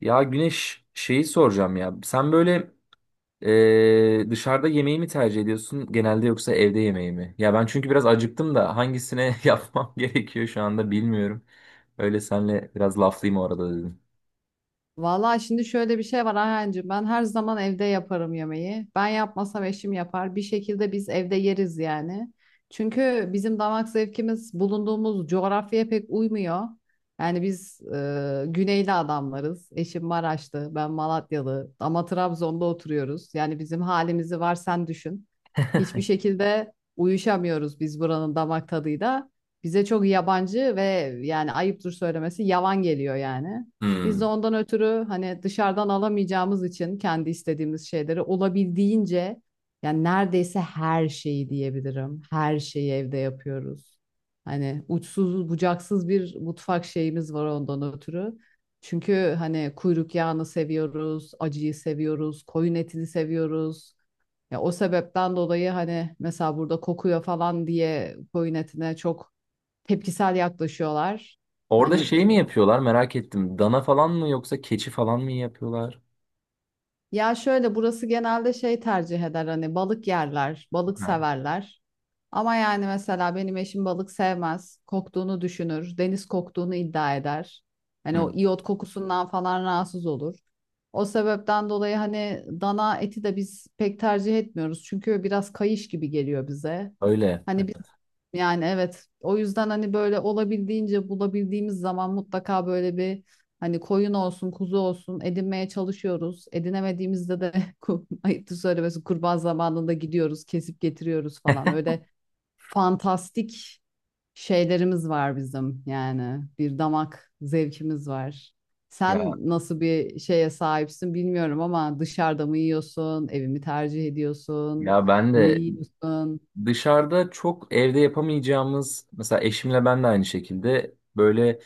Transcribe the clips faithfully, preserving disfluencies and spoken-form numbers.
Ya Güneş şeyi soracağım ya. Sen böyle e, dışarıda yemeği mi tercih ediyorsun genelde yoksa evde yemeği mi? Ya ben çünkü biraz acıktım da hangisine yapmam gerekiyor şu anda bilmiyorum. Öyle senle biraz laflayayım o arada dedim. Vallahi şimdi şöyle bir şey var Ayhancığım. Ben her zaman evde yaparım yemeği. Ben yapmasam eşim yapar. Bir şekilde biz evde yeriz yani. Çünkü bizim damak zevkimiz bulunduğumuz coğrafyaya pek uymuyor. Yani biz e, güneyli adamlarız. Eşim Maraşlı, ben Malatyalı ama Trabzon'da oturuyoruz. Yani bizim halimizi var sen düşün. Hiçbir şekilde uyuşamıyoruz biz buranın damak tadıyla. Bize çok yabancı ve yani ayıptır söylemesi yavan geliyor yani. Biz de Hmm. ondan ötürü hani dışarıdan alamayacağımız için kendi istediğimiz şeyleri olabildiğince yani neredeyse her şeyi diyebilirim. Her şeyi evde yapıyoruz. Hani uçsuz bucaksız bir mutfak şeyimiz var ondan ötürü. Çünkü hani kuyruk yağını seviyoruz, acıyı seviyoruz, koyun etini seviyoruz. Ya o sebepten dolayı hani mesela burada kokuyor falan diye koyun etine çok tepkisel yaklaşıyorlar. Orada Hani şey mi yapıyorlar merak ettim. Dana falan mı yoksa keçi falan mı yapıyorlar? ya şöyle burası genelde şey tercih eder, hani balık yerler, balık Ha. severler. Ama yani mesela benim eşim balık sevmez. Koktuğunu düşünür, deniz koktuğunu iddia eder. Hani Hı, o iyot kokusundan falan rahatsız olur. O sebepten dolayı hani dana eti de biz pek tercih etmiyoruz. Çünkü biraz kayış gibi geliyor bize. öyle. Hani biz yani evet, o yüzden hani böyle olabildiğince bulabildiğimiz zaman mutlaka böyle bir hani koyun olsun kuzu olsun edinmeye çalışıyoruz. Edinemediğimizde de ku- ayıptır söylemesi kurban zamanında gidiyoruz kesip getiriyoruz falan, öyle fantastik şeylerimiz var bizim yani, bir damak zevkimiz var. Ya Sen nasıl bir şeye sahipsin bilmiyorum ama dışarıda mı yiyorsun, evimi tercih ediyorsun, ya ben ne de yiyorsun? dışarıda çok evde yapamayacağımız, mesela eşimle ben de aynı şekilde böyle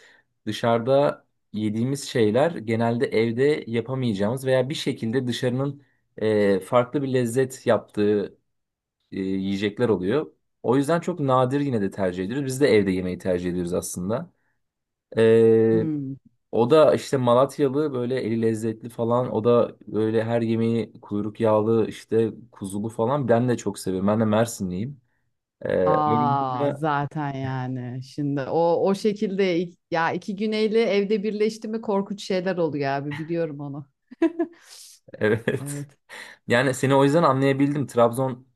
dışarıda yediğimiz şeyler genelde evde yapamayacağımız veya bir şekilde dışarının e, farklı bir lezzet yaptığı e, yiyecekler oluyor. O yüzden çok nadir yine de tercih ediyoruz. Biz de evde yemeyi tercih ediyoruz aslında. E, Hmm. O da işte Malatyalı, böyle eli lezzetli falan. O da böyle her yemeği kuyruk yağlı, işte kuzulu falan. Ben de çok seviyorum. Ben de Mersinliyim. Ee, Aa olunca- zaten yani şimdi o o şekilde ik- ya iki güneyli evde birleşti mi korkunç şeyler oluyor abi, biliyorum onu. evet. Evet Yani seni o yüzden anlayabildim. Trabzon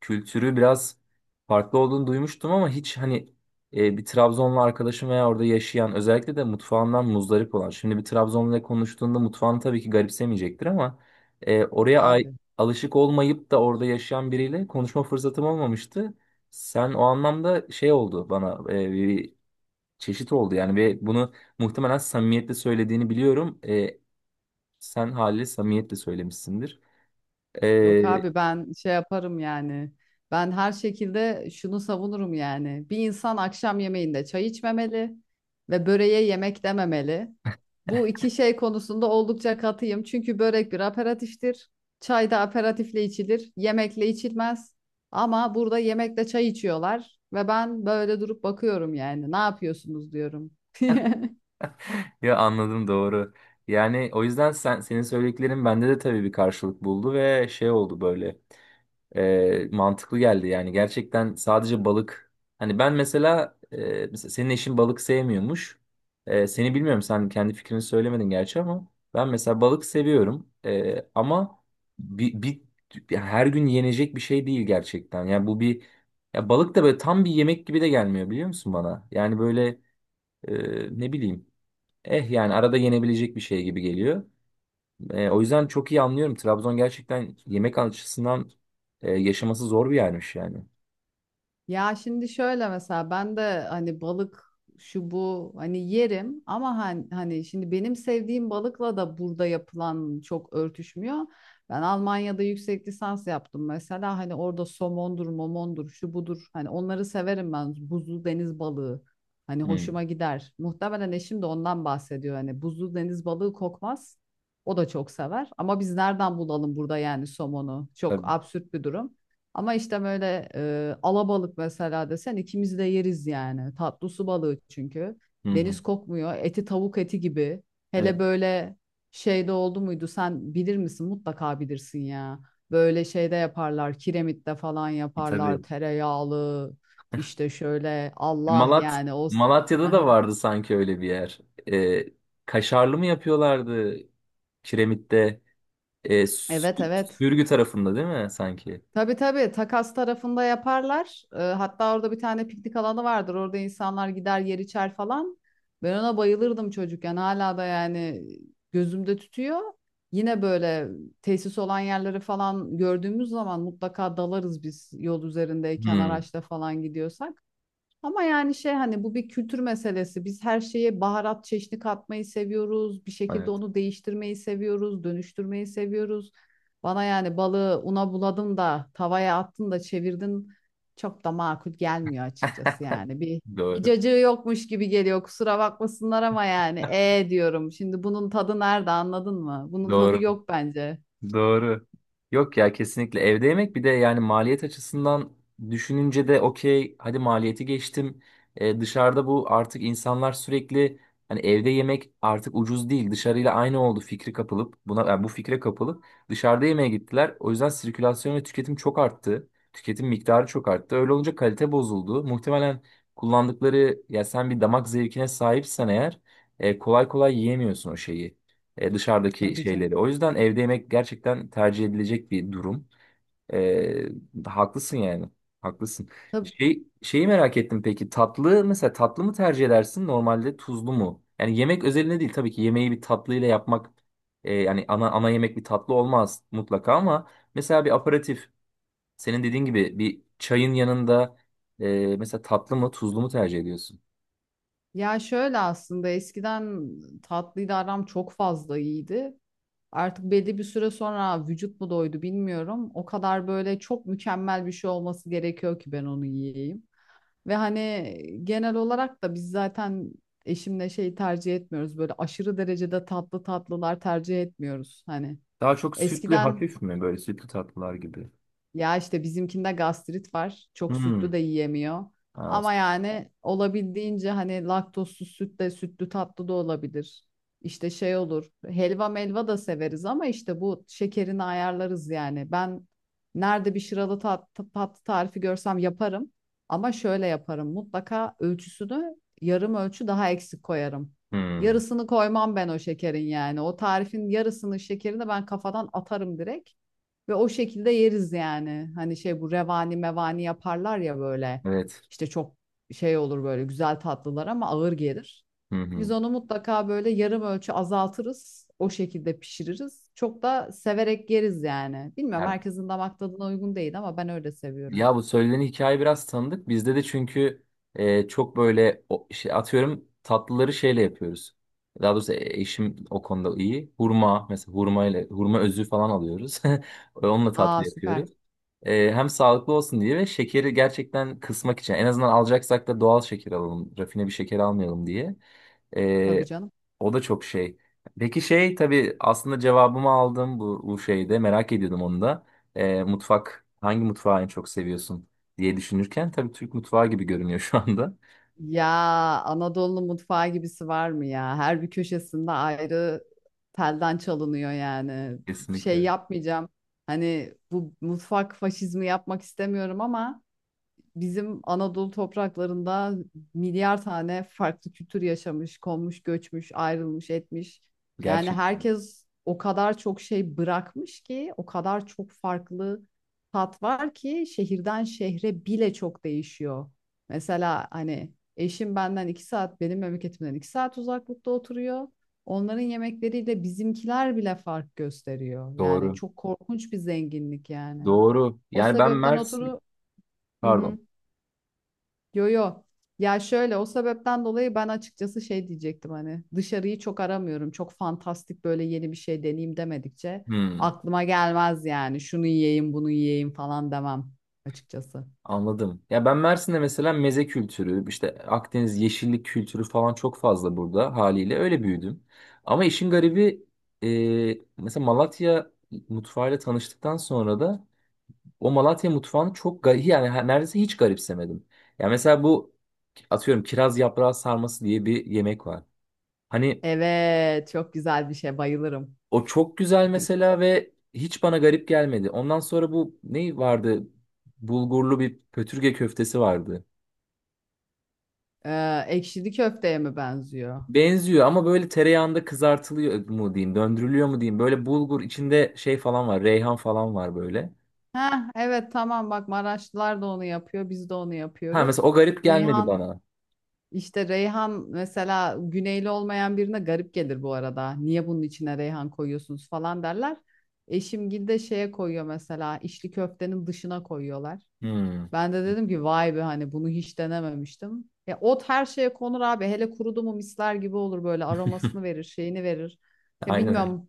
kültürü biraz farklı olduğunu duymuştum ama hiç hani e, bir Trabzonlu arkadaşım veya orada yaşayan, özellikle de mutfağından muzdarip olan. Şimdi bir Trabzonluyla konuştuğunda mutfağını tabii ki garipsemeyecektir ama e, oraya ay- abi. alışık olmayıp da orada yaşayan biriyle konuşma fırsatım olmamıştı. Sen o anlamda şey oldu bana, e, bir çeşit oldu yani ve bunu muhtemelen samimiyetle söylediğini biliyorum. E, Sen haliyle samimiyetle söylemişsindir. Yok Ee, abi, ben şey yaparım yani. Ben her şekilde şunu savunurum yani: bir insan akşam yemeğinde çay içmemeli ve böreğe yemek dememeli. Bu iki şey konusunda oldukça katıyım. Çünkü börek bir aperatiftir. Çay da aperatifle içilir. Yemekle içilmez. Ama burada yemekle çay içiyorlar ve ben böyle durup bakıyorum yani. Ne yapıyorsunuz diyorum. ya anladım, doğru. Yani o yüzden sen, senin söylediklerin bende de tabii bir karşılık buldu ve şey oldu böyle. E, mantıklı geldi yani, gerçekten. Sadece balık. Hani ben mesela, e, mesela senin eşin balık sevmiyormuş. E, seni bilmiyorum, sen kendi fikrini söylemedin gerçi ama ben mesela balık seviyorum. E, ama bir, bir ya, her gün yenecek bir şey değil gerçekten. Yani bu bir, ya balık da böyle tam bir yemek gibi de gelmiyor biliyor musun bana? Yani böyle e, ne bileyim, eh yani arada yenebilecek bir şey gibi geliyor. E, o yüzden çok iyi anlıyorum. Trabzon gerçekten yemek açısından e, yaşaması zor bir yermiş yani. Ya şimdi şöyle, mesela ben de hani balık şu bu hani yerim ama hani, hani şimdi benim sevdiğim balıkla da burada yapılan çok örtüşmüyor. Ben Almanya'da yüksek lisans yaptım mesela, hani orada somondur, momondur, şu budur. Hani onları severim ben, buzlu deniz balığı. Hani Hı, hoşuma gider. Muhtemelen eşim de ondan bahsediyor. Hani buzlu deniz balığı kokmaz. O da çok sever. Ama biz nereden bulalım burada yani somonu? Çok tabii. absürt bir durum. Ama işte böyle e, alabalık mesela desen ikimiz de yeriz yani. Tatlı su balığı çünkü. Hı hı. Deniz kokmuyor. Eti tavuk eti gibi. Evet, Hele böyle şeyde oldu muydu? Sen bilir misin? Mutlaka bilirsin ya. Böyle şeyde yaparlar. Kiremitte falan yaparlar. tabii. Tereyağlı. İşte şöyle, Allah Malat yani o. Malatya'da da vardı sanki öyle bir yer. E, Kaşarlı mı yapıyorlardı Kiremit'te? E, Evet Sü- evet. Sürgü tarafında değil mi sanki? Tabii tabii, takas tarafında yaparlar. Ee, hatta orada bir tane piknik alanı vardır. Orada insanlar gider yer içer falan. Ben ona bayılırdım çocukken. Hala da yani gözümde tutuyor. Yine böyle tesis olan yerleri falan gördüğümüz zaman mutlaka dalarız biz, yol üzerindeyken Hı, araçla falan gidiyorsak. Ama yani şey, hani bu bir kültür meselesi. Biz her şeye baharat çeşni katmayı seviyoruz. Bir şekilde evet. onu değiştirmeyi seviyoruz, dönüştürmeyi seviyoruz. Bana yani balığı una buladın da tavaya attın da çevirdin, çok da makul gelmiyor açıkçası yani. Bir bir Doğru. cacığı yokmuş gibi geliyor. Kusura bakmasınlar ama yani e diyorum. Şimdi bunun tadı nerede, anladın mı? Bunun tadı Doğru. yok bence. Doğru. Yok ya, kesinlikle evde yemek. Bir de yani maliyet açısından düşününce de okey, hadi maliyeti geçtim. Ee, dışarıda bu artık, insanlar sürekli hani evde yemek artık ucuz değil, dışarıyla aynı oldu fikri kapılıp buna, yani bu fikre kapılıp dışarıda yemeğe gittiler. O yüzden sirkülasyon ve tüketim çok arttı. Tüketim miktarı çok arttı. Öyle olunca kalite bozuldu. Muhtemelen kullandıkları, ya sen bir damak zevkine sahipsen eğer e, kolay kolay yiyemiyorsun o şeyi, e, dışarıdaki Tabii canım. şeyleri. O yüzden evde yemek gerçekten tercih edilecek bir durum. E, Haklısın yani. Haklısın. Tabii. Şey, şeyi merak ettim peki. Tatlı, mesela tatlı mı tercih edersin normalde, tuzlu mu? Yani yemek özelinde değil tabii ki, yemeği bir tatlıyla yapmak, e, yani ana ana yemek bir tatlı olmaz mutlaka ama mesela bir aperatif, senin dediğin gibi bir çayın yanında, e, mesela tatlı mı tuzlu mu tercih ediyorsun? Ya şöyle, aslında eskiden tatlıyla aram çok fazla iyiydi. Artık belli bir süre sonra vücut mu doydu bilmiyorum. O kadar böyle çok mükemmel bir şey olması gerekiyor ki ben onu yiyeyim. Ve hani genel olarak da biz zaten eşimle şey tercih etmiyoruz. Böyle aşırı derecede tatlı tatlılar tercih etmiyoruz. Hani Daha çok sütlü eskiden hafif mi, böyle sütlü tatlılar gibi? ya işte bizimkinde gastrit var. Çok sütlü de Hmm. yiyemiyor. Ha, o- Ama yani olabildiğince hani laktozsuz süt de sütlü tatlı da olabilir. İşte şey olur. Helva melva da severiz ama işte bu şekerini ayarlarız yani. Ben nerede bir şıralı tat, tatlı tarifi görsem yaparım. Ama şöyle yaparım: mutlaka ölçüsünü yarım ölçü daha eksik koyarım. Hmm. Yarısını koymam ben o şekerin yani. O tarifin yarısını şekerini ben kafadan atarım direkt. Ve o şekilde yeriz yani. Hani şey, bu revani mevani yaparlar ya böyle. Evet. İşte çok şey olur böyle güzel tatlılar ama ağır gelir. Hı Biz hı. onu mutlaka böyle yarım ölçü azaltırız. O şekilde pişiririz. Çok da severek yeriz yani. Bilmiyorum Ya, herkesin damak tadına uygun değil ama ben öyle seviyorum. ya bu söylediğin hikaye biraz tanıdık. Bizde de çünkü e, çok böyle o, şey, atıyorum tatlıları şeyle yapıyoruz. Daha doğrusu e, eşim o konuda iyi. Hurma, mesela hurma ile hurma özü falan alıyoruz. Onunla tatlı Aa süper. yapıyoruz. E, hem sağlıklı olsun diye ve şekeri gerçekten kısmak için. En azından alacaksak da doğal şeker alalım, rafine bir şeker almayalım diye. Tabii E, canım. O da çok şey. Peki şey, tabii aslında cevabımı aldım bu, bu şeyde. Merak ediyordum onu da. E, mutfak, hangi mutfağı en çok seviyorsun diye düşünürken tabii Türk mutfağı gibi görünüyor şu anda. Ya Anadolu mutfağı gibisi var mı ya? Her bir köşesinde ayrı telden çalınıyor yani. Şey Kesinlikle. yapmayacağım. Hani bu mutfak faşizmi yapmak istemiyorum ama bizim Anadolu topraklarında milyar tane farklı kültür yaşamış, konmuş, göçmüş, ayrılmış, etmiş. Yani Gerçekten. herkes o kadar çok şey bırakmış ki, o kadar çok farklı tat var ki şehirden şehre bile çok değişiyor. Mesela hani eşim benden iki saat, benim memleketimden iki saat uzaklıkta oturuyor. Onların yemekleriyle bizimkiler bile fark gösteriyor. Yani Doğru. çok korkunç bir zenginlik yani. Doğru. O Yani ben sebepten Mersin... oturu. Hı Pardon. hı. Yo yo. Ya şöyle, o sebepten dolayı ben açıkçası şey diyecektim, hani dışarıyı çok aramıyorum. Çok fantastik böyle yeni bir şey deneyeyim demedikçe Hmm. aklıma gelmez yani. Şunu yiyeyim, bunu yiyeyim falan demem açıkçası. Anladım. Ya ben Mersin'de mesela meze kültürü, işte Akdeniz yeşillik kültürü falan çok fazla, burada haliyle öyle büyüdüm. Ama işin garibi e, mesela Malatya mutfağıyla tanıştıktan sonra da o Malatya mutfağını çok garip yani, her- neredeyse hiç garipsemedim. Ya mesela bu, atıyorum, kiraz yaprağı sarması diye bir yemek var. Hani Evet, çok güzel bir şey. Bayılırım. o çok güzel mesela ve hiç bana garip gelmedi. Ondan sonra bu ne vardı? Bulgurlu bir pötürge köftesi vardı. Ee, ekşili köfteye mi benziyor? Benziyor ama böyle tereyağında kızartılıyor mu diyeyim, döndürülüyor mu diyeyim. Böyle bulgur içinde şey falan var, reyhan falan var böyle. Heh, evet tamam, bak Maraşlılar da onu yapıyor. Biz de onu Ha, mesela yapıyoruz. o garip gelmedi bana. İşte reyhan mesela, güneyli olmayan birine garip gelir bu arada. Niye bunun içine reyhan koyuyorsunuz falan derler. Eşim de şeye koyuyor mesela, içli köftenin dışına koyuyorlar. Hmm. Ben de dedim ki vay be, hani bunu hiç denememiştim. Ya ot her şeye konur abi. Hele kurudu mu misler gibi olur böyle, aromasını verir, şeyini verir. Ya Aynen. Aynen. bilmiyorum,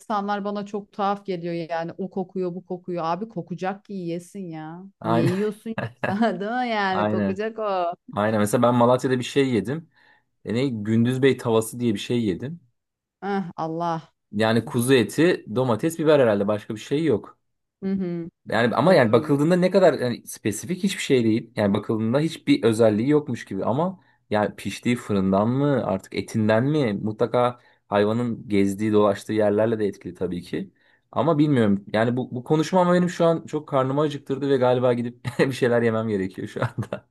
insanlar bana çok tuhaf geliyor yani, o kokuyor bu kokuyor. Abi kokacak ki yiyesin ya. Niye Aynen. yiyorsun? Değil mi yani, Aynen. kokacak o. Aynen. Mesela ben Malatya'da bir şey yedim. E ne? Gündüz Bey tavası diye bir şey yedim. Eh, Allah. Yani kuzu eti, domates, biber, herhalde başka bir şey yok. Hı hı, Yani ama yani doğrudur. bakıldığında ne kadar, yani spesifik hiçbir şey değil. Yani bakıldığında hiçbir özelliği yokmuş gibi ama yani piştiği fırından mı artık, etinden mi, mutlaka hayvanın gezdiği dolaştığı yerlerle de etkili tabii ki. Ama bilmiyorum yani bu, bu konuşma ama benim şu an çok karnımı acıktırdı ve galiba gidip bir şeyler yemem gerekiyor şu anda.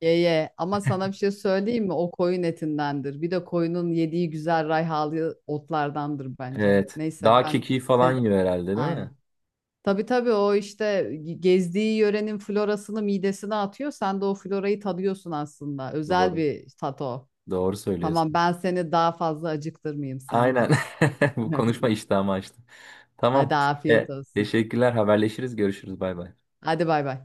Ye ye. Ama sana bir şey söyleyeyim mi? O koyun etindendir. Bir de koyunun yediği güzel rayhalı otlardandır bence. Evet, Neyse, dağ ben kekiği falan sen yiyor herhalde değil aynen. mi? Tabii tabii, o işte gezdiği yörenin florasını midesine atıyor. Sen de o florayı tadıyorsun aslında. Özel Doğru. bir tat o. Doğru Tamam, söylüyorsun. ben seni daha fazla acıktırmayayım, sen Aynen, git. bu konuşma iştahımı açtı. Hadi Tamam. afiyet E, olsun. Teşekkürler, haberleşiriz, görüşürüz, bay bay. Hadi bay bay.